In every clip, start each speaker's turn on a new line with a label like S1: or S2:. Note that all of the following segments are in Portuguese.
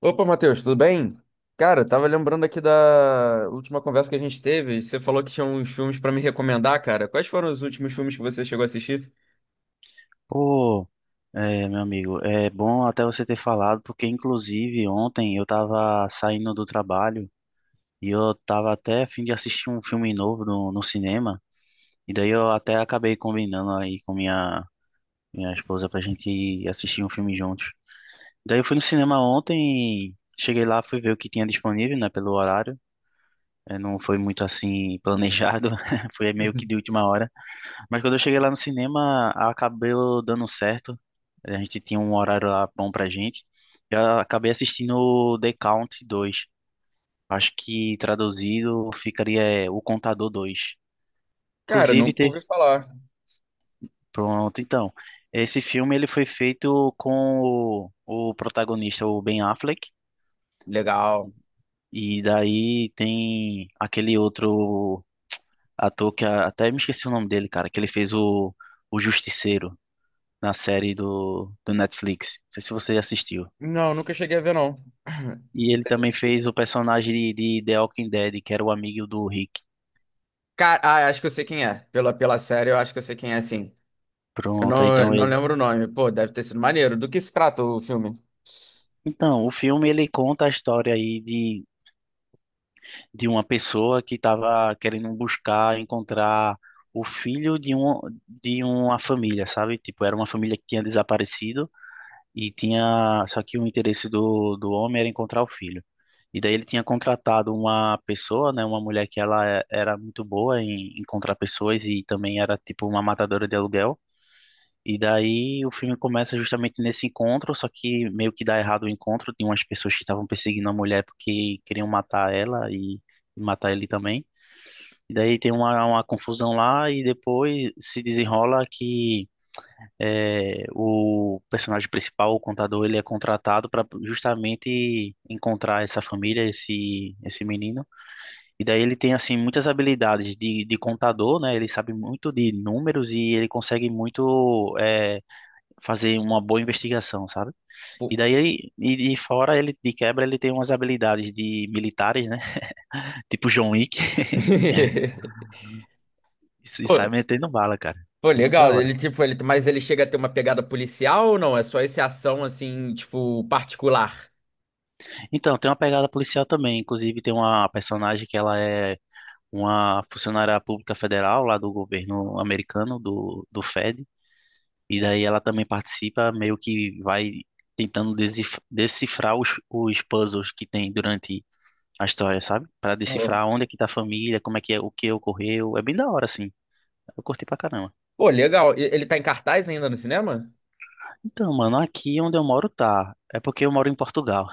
S1: Opa, Matheus, tudo bem? Cara, tava lembrando aqui da última conversa que a gente teve Você falou que tinha uns filmes pra me recomendar, cara. Quais foram os últimos filmes que você chegou a assistir?
S2: Pô, é, meu amigo, é bom até você ter falado, porque inclusive ontem eu tava saindo do trabalho e eu tava até a fim de assistir um filme novo no cinema, e daí eu até acabei combinando aí com minha esposa pra gente ir assistir um filme juntos. Daí eu fui no cinema ontem, cheguei lá, fui ver o que tinha disponível, né, pelo horário. É, não foi muito assim planejado, foi meio que de última hora. Mas quando eu cheguei lá no cinema, acabou dando certo. A gente tinha um horário lá bom pra gente. Eu acabei assistindo o The Count 2. Acho que traduzido ficaria O Contador Dois.
S1: Cara,
S2: Inclusive,
S1: nunca ouvi
S2: te...
S1: falar.
S2: pronto, então. Esse filme ele foi feito com o protagonista, o Ben Affleck.
S1: Legal.
S2: E daí tem aquele outro ator que até me esqueci o nome dele, cara, que ele fez o Justiceiro na série do Netflix. Não sei se você assistiu.
S1: Não, nunca cheguei a ver, não.
S2: E ele também fez o personagem de The Walking Dead, que era o amigo do Rick.
S1: Cara, acho que eu sei quem é. Pela série, eu acho que eu sei quem é, sim. Eu
S2: Pronto,
S1: não, eu
S2: então
S1: não
S2: ele.
S1: lembro o nome. Pô, deve ter sido maneiro. Do que se trata o filme?
S2: Então, o filme ele conta a história aí de uma pessoa que estava querendo buscar, encontrar o filho de, um, de uma família, sabe? Tipo, era uma família que tinha desaparecido. E tinha, só que o interesse do homem era encontrar o filho. E daí ele tinha contratado uma pessoa, né, uma mulher que era muito boa em encontrar pessoas e também era tipo uma matadora de aluguel. E daí o filme começa justamente nesse encontro, só que meio que dá errado o encontro, tem umas pessoas que estavam perseguindo a mulher porque queriam matar ela e matar ele também. E daí tem uma confusão lá e depois se desenrola que é, o personagem principal, o contador, ele é contratado para justamente encontrar essa família, esse menino. E daí ele tem assim muitas habilidades de contador, né? Ele sabe muito de números e ele consegue muito fazer uma boa investigação, sabe?
S1: Pô,
S2: E daí, e de fora ele, de quebra, ele tem umas habilidades de militares, né? Tipo John Wick, e
S1: pô,
S2: sai metendo bala, cara.
S1: pô,
S2: É muito da
S1: legal.
S2: hora.
S1: Ele, tipo, ele, mas ele chega a ter uma pegada policial ou não? É só esse ação, assim, tipo, particular?
S2: Então, tem uma pegada policial também. Inclusive, tem uma personagem que ela é uma funcionária pública federal lá do governo americano, do Fed, e daí ela também participa, meio que vai tentando decifrar os puzzles que tem durante a história, sabe? Para
S1: Ó.
S2: decifrar onde é que tá a família, como é que é, o que ocorreu. É bem da hora, assim. Eu curti pra caramba.
S1: Pô, legal. E- Ele tá em cartaz ainda no cinema?
S2: Então, mano, aqui onde eu moro tá. É porque eu moro em Portugal.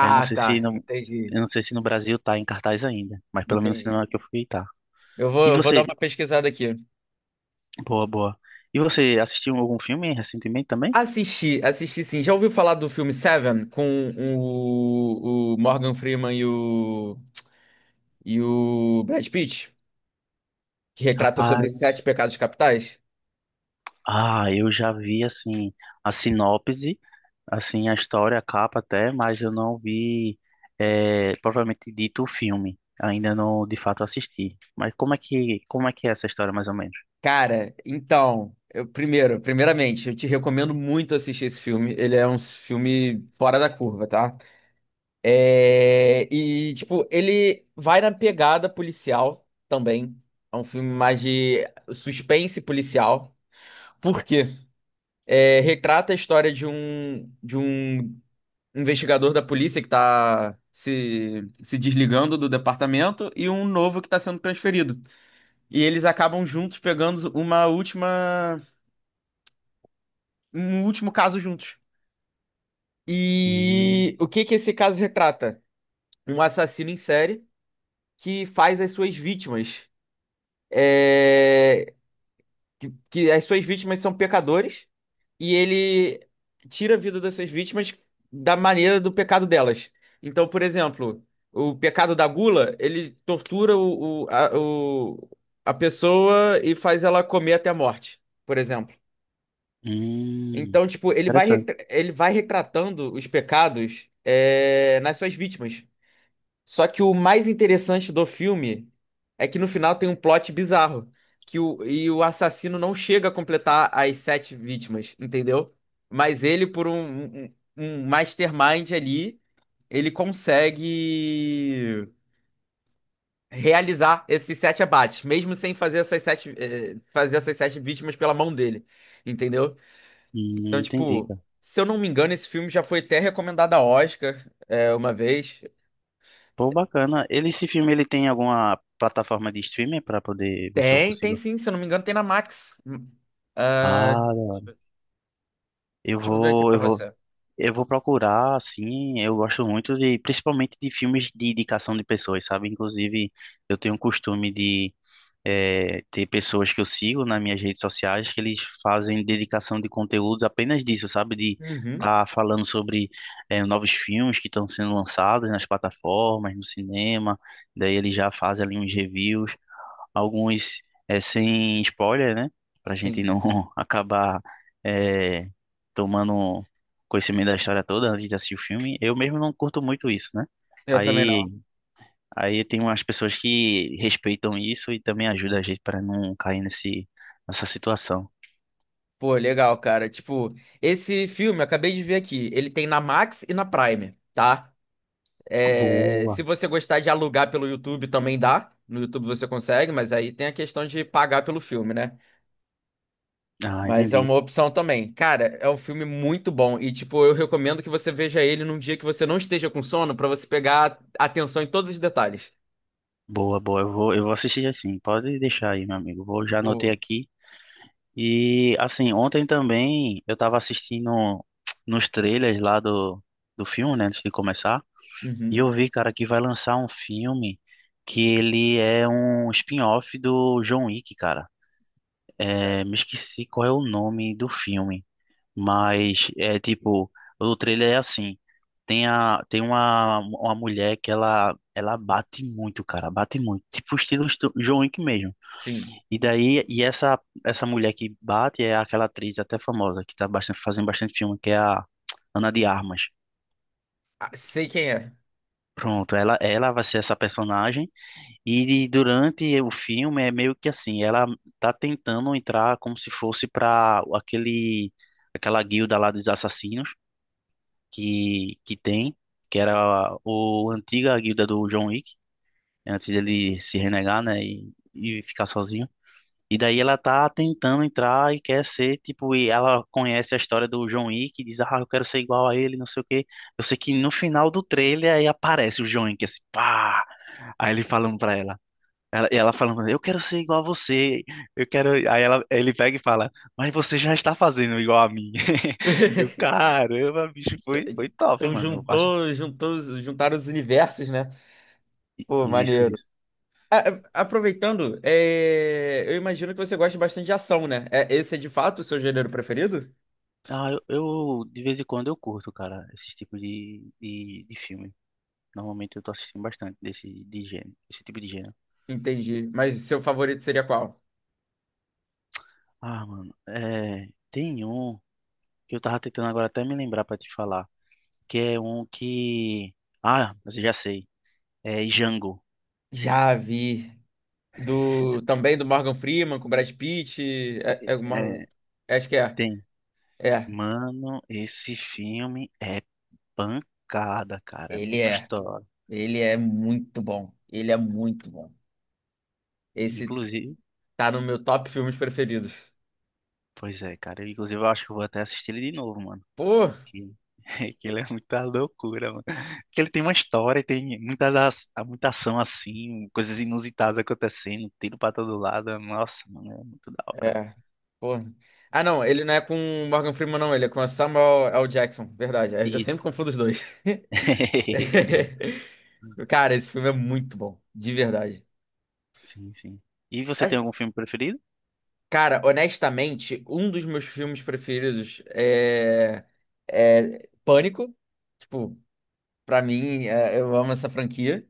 S2: Aí, eu não sei se
S1: tá. Entendi.
S2: eu não sei se no Brasil tá em cartaz ainda, mas pelo menos no
S1: Entendi.
S2: cinema que eu fui tá.
S1: Eu vou,
S2: E
S1: eu vou dar
S2: você,
S1: uma pesquisada aqui.
S2: boa, boa. E você assistiu algum filme recentemente também?
S1: Assisti, assisti sim. Já ouviu falar do filme Seven com o Morgan Freeman e o Brad Pitt? Que retrata sobre os
S2: Rapaz,
S1: sete pecados capitais?
S2: ah, eu já vi assim a sinopse, assim a história, a capa até, mas eu não vi propriamente dito o filme. Ainda não de fato assisti. Mas como é que é essa história mais ou menos?
S1: Cara, então, eu, primeiro, primeiramente, eu te recomendo muito assistir esse filme. Ele é um filme fora da curva, tá? É, e, tipo, ele vai na pegada policial também. É um filme mais de suspense policial. Por quê? É, retrata a história de um investigador da polícia que tá se desligando do departamento e um novo que tá sendo transferido. E eles acabam juntos pegando um último caso juntos.
S2: Hum,
S1: E o que que esse caso retrata? Um assassino em série que faz as suas vítimas. é, que as suas vítimas são pecadores e ele tira a vida dessas vítimas da maneira do pecado delas. Então, por exemplo, o pecado da gula, ele tortura a pessoa e faz ela comer até a morte, por exemplo.
S2: hum,
S1: Então, tipo, ele vai,
S2: interessante.
S1: ele vai retratando os pecados, nas suas vítimas. Só que o mais interessante do filme é que no final tem um plot bizarro, e o assassino não chega a completar as sete vítimas, entendeu? Mas ele, por um mastermind ali, ele consegue realizar esses sete abates, mesmo sem fazer fazer essas sete vítimas pela mão dele, entendeu? Então,
S2: Entendi,
S1: tipo,
S2: cara.
S1: se eu não me engano, esse filme já foi até recomendado a Oscar, uma vez.
S2: Pô, bacana. Ele, esse filme ele tem alguma plataforma de streaming para poder ver se eu
S1: Tem, tem
S2: consigo.
S1: sim, se eu não me engano, tem na Max. Ah,
S2: Ah, da hora.
S1: deixa
S2: eu
S1: eu ver aqui
S2: vou
S1: pra
S2: eu vou
S1: você.
S2: eu vou procurar, assim. Eu gosto muito de, principalmente de filmes de indicação de pessoas, sabe? Inclusive, eu tenho o costume de ter pessoas que eu sigo nas minhas redes sociais que eles fazem dedicação de conteúdos apenas disso, sabe? De
S1: Uhum.
S2: estar tá falando sobre novos filmes que estão sendo lançados nas plataformas, no cinema. Daí eles já fazem ali uns reviews, alguns sem spoiler, né? Pra gente
S1: Sim,
S2: não acabar é, tomando conhecimento da história toda antes de assistir o filme. Eu mesmo não curto muito isso, né?
S1: eu também não.
S2: Aí, aí tem umas pessoas que respeitam isso e também ajudam a gente para não cair nessa situação.
S1: Pô, legal, cara. Tipo, esse filme, eu acabei de ver aqui, ele tem na Max e na Prime, tá? É, se
S2: Boa.
S1: você gostar de alugar pelo YouTube, também dá. No YouTube você consegue, mas aí tem a questão de pagar pelo filme, né?
S2: Ah,
S1: Mas é uma
S2: entendi.
S1: opção também. Cara, é um filme muito bom e, tipo, eu recomendo que você veja ele num dia que você não esteja com sono pra você pegar atenção em todos os detalhes.
S2: Boa, boa. Eu vou assistir assim. Pode deixar aí, meu amigo. Vou, já anotei
S1: Pô,
S2: aqui. E assim, ontem também eu tava assistindo nos trailers lá do filme, né, antes de começar, e eu
S1: Uhum.
S2: vi, cara, que vai lançar um filme que ele é um spin-off do John Wick, cara. É, me
S1: Certo?
S2: esqueci qual é o nome do filme, mas é tipo, o trailer é assim, tem uma mulher que ela bate muito, cara, bate muito, tipo estilo John Wick mesmo.
S1: Sim.
S2: E daí, essa mulher que bate é aquela atriz até famosa, que tá bastante, fazendo bastante filme, que é a Ana de Armas.
S1: Ah, sei quem é.
S2: Pronto, ela vai ser essa personagem. E durante o filme é meio que assim, ela tá tentando entrar como se fosse pra aquela guilda lá dos assassinos que tem, que era o a antiga guilda do John Wick, antes dele se renegar, né, e ficar sozinho. E daí ela tá tentando entrar e quer ser, tipo, e ela conhece a história do John Wick e diz, ah, eu quero ser igual a ele, não sei o quê. Eu sei que no final do trailer aí aparece o John Wick, assim, pá! Aí ele falando pra ela. E ela falando, eu quero ser igual a você, eu quero. Aí ele pega e fala, mas você já está fazendo igual a mim. Eu, caramba, bicho, foi top,
S1: Então
S2: mano.
S1: juntou, juntou, os- juntaram os universos, né? Pô,
S2: Isso,
S1: maneiro.
S2: isso.
S1: A- Aproveitando, é, eu imagino que você gosta bastante de ação, né? É- Esse é de fato o seu gênero preferido?
S2: Ah, de vez em quando eu curto, cara, esses tipos de filme. Normalmente eu tô assistindo bastante esse tipo de gênero.
S1: Entendi. Mas seu favorito seria qual?
S2: Ah, mano, é, tem um que eu tava tentando agora até me lembrar pra te falar, que é um que... Ah, mas eu já sei. É Django.
S1: Já vi. Do também do Morgan Freeman com Brad Pitt. É o Morgan-
S2: É,
S1: acho que é.
S2: tem.
S1: É.
S2: Mano, esse filme é pancada, cara, é
S1: Ele
S2: muito
S1: é.
S2: história.
S1: Ele é muito bom. Ele é muito bom. Esse
S2: Inclusive,
S1: Tá no meu top filmes preferidos.
S2: pois é, cara, inclusive eu acho que eu vou até assistir ele de novo, mano.
S1: Pô,
S2: Que que ele é muita loucura, mano. Que ele tem uma história, e tem muita ação assim, coisas inusitadas acontecendo, tiro pra todo lado. Nossa, mano, é muito da hora.
S1: É. pô. Ah, não, ele não é com o Morgan Freeman, não. Ele é com a Samuel L. Jackson. Verdade. Eu sempre
S2: Isso.
S1: confundo os dois. Cara, esse filme é muito bom. De verdade.
S2: Sim, sim. E você tem
S1: Ai,
S2: algum filme preferido?
S1: Cara, honestamente, um dos meus filmes preferidos é Pânico. Tipo, pra mim, é- eu amo essa franquia.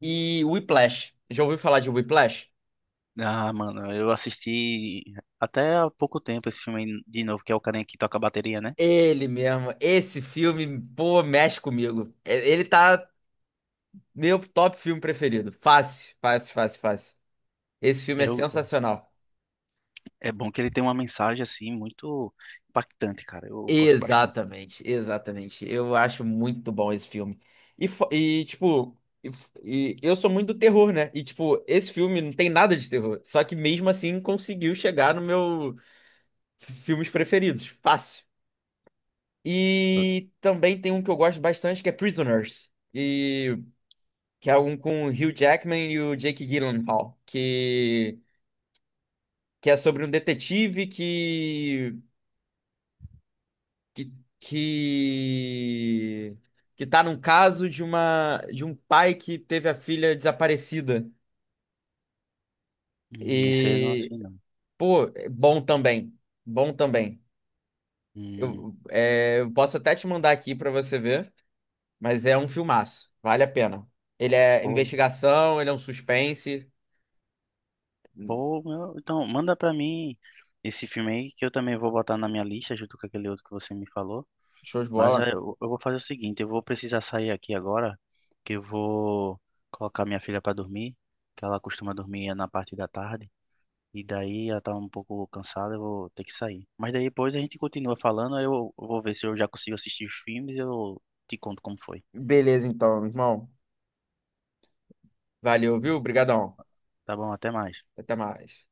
S1: E Whiplash. Já ouviu falar de Whiplash?
S2: Ah, mano, eu assisti até há pouco tempo esse filme aí de novo, que é o carinha que toca a bateria, né?
S1: Ele mesmo, esse filme, pô, mexe comigo. E- Ele tá Meu top filme preferido. Fácil, fácil, fácil, fácil. Esse filme é
S2: Eu,
S1: sensacional.
S2: é bom que ele tem uma mensagem assim muito impactante, cara. Eu gosto bastante.
S1: Exatamente, exatamente. Eu acho muito bom esse filme. E, fo- e, tipo, e eu sou muito do terror, né? E, tipo, esse filme não tem nada de terror. Só que mesmo assim conseguiu chegar no meu f- filmes preferidos. Fácil. E também tem um que eu gosto bastante que é Prisoners. E, que é um com o Hugh Jackman e o Jake Gyllenhaal. Que é sobre um detetive que que que tá num caso de uma de um pai que teve a filha desaparecida.
S2: Esse aí eu não
S1: E
S2: achei, não.
S1: pô, é bom também. Bom também.
S2: Hum,
S1: Eu posso até te mandar aqui pra você ver, mas é um filmaço, vale a pena. Ele é
S2: pô,
S1: investigação, ele é um suspense,
S2: pô, meu, então, manda pra mim esse filme aí que eu também vou botar na minha lista junto com aquele outro que você me falou.
S1: show de
S2: Mas já,
S1: bola.
S2: eu vou fazer o seguinte, eu vou precisar sair aqui agora, que eu vou colocar minha filha pra dormir, que ela costuma dormir na parte da tarde, e daí ela tá um pouco cansada, eu vou ter que sair. Mas daí depois a gente continua falando, aí eu vou ver se eu já consigo assistir os filmes e eu te conto como foi.
S1: Beleza então, irmão. Valeu, viu? Obrigadão.
S2: Tá bom, até mais.
S1: Até mais.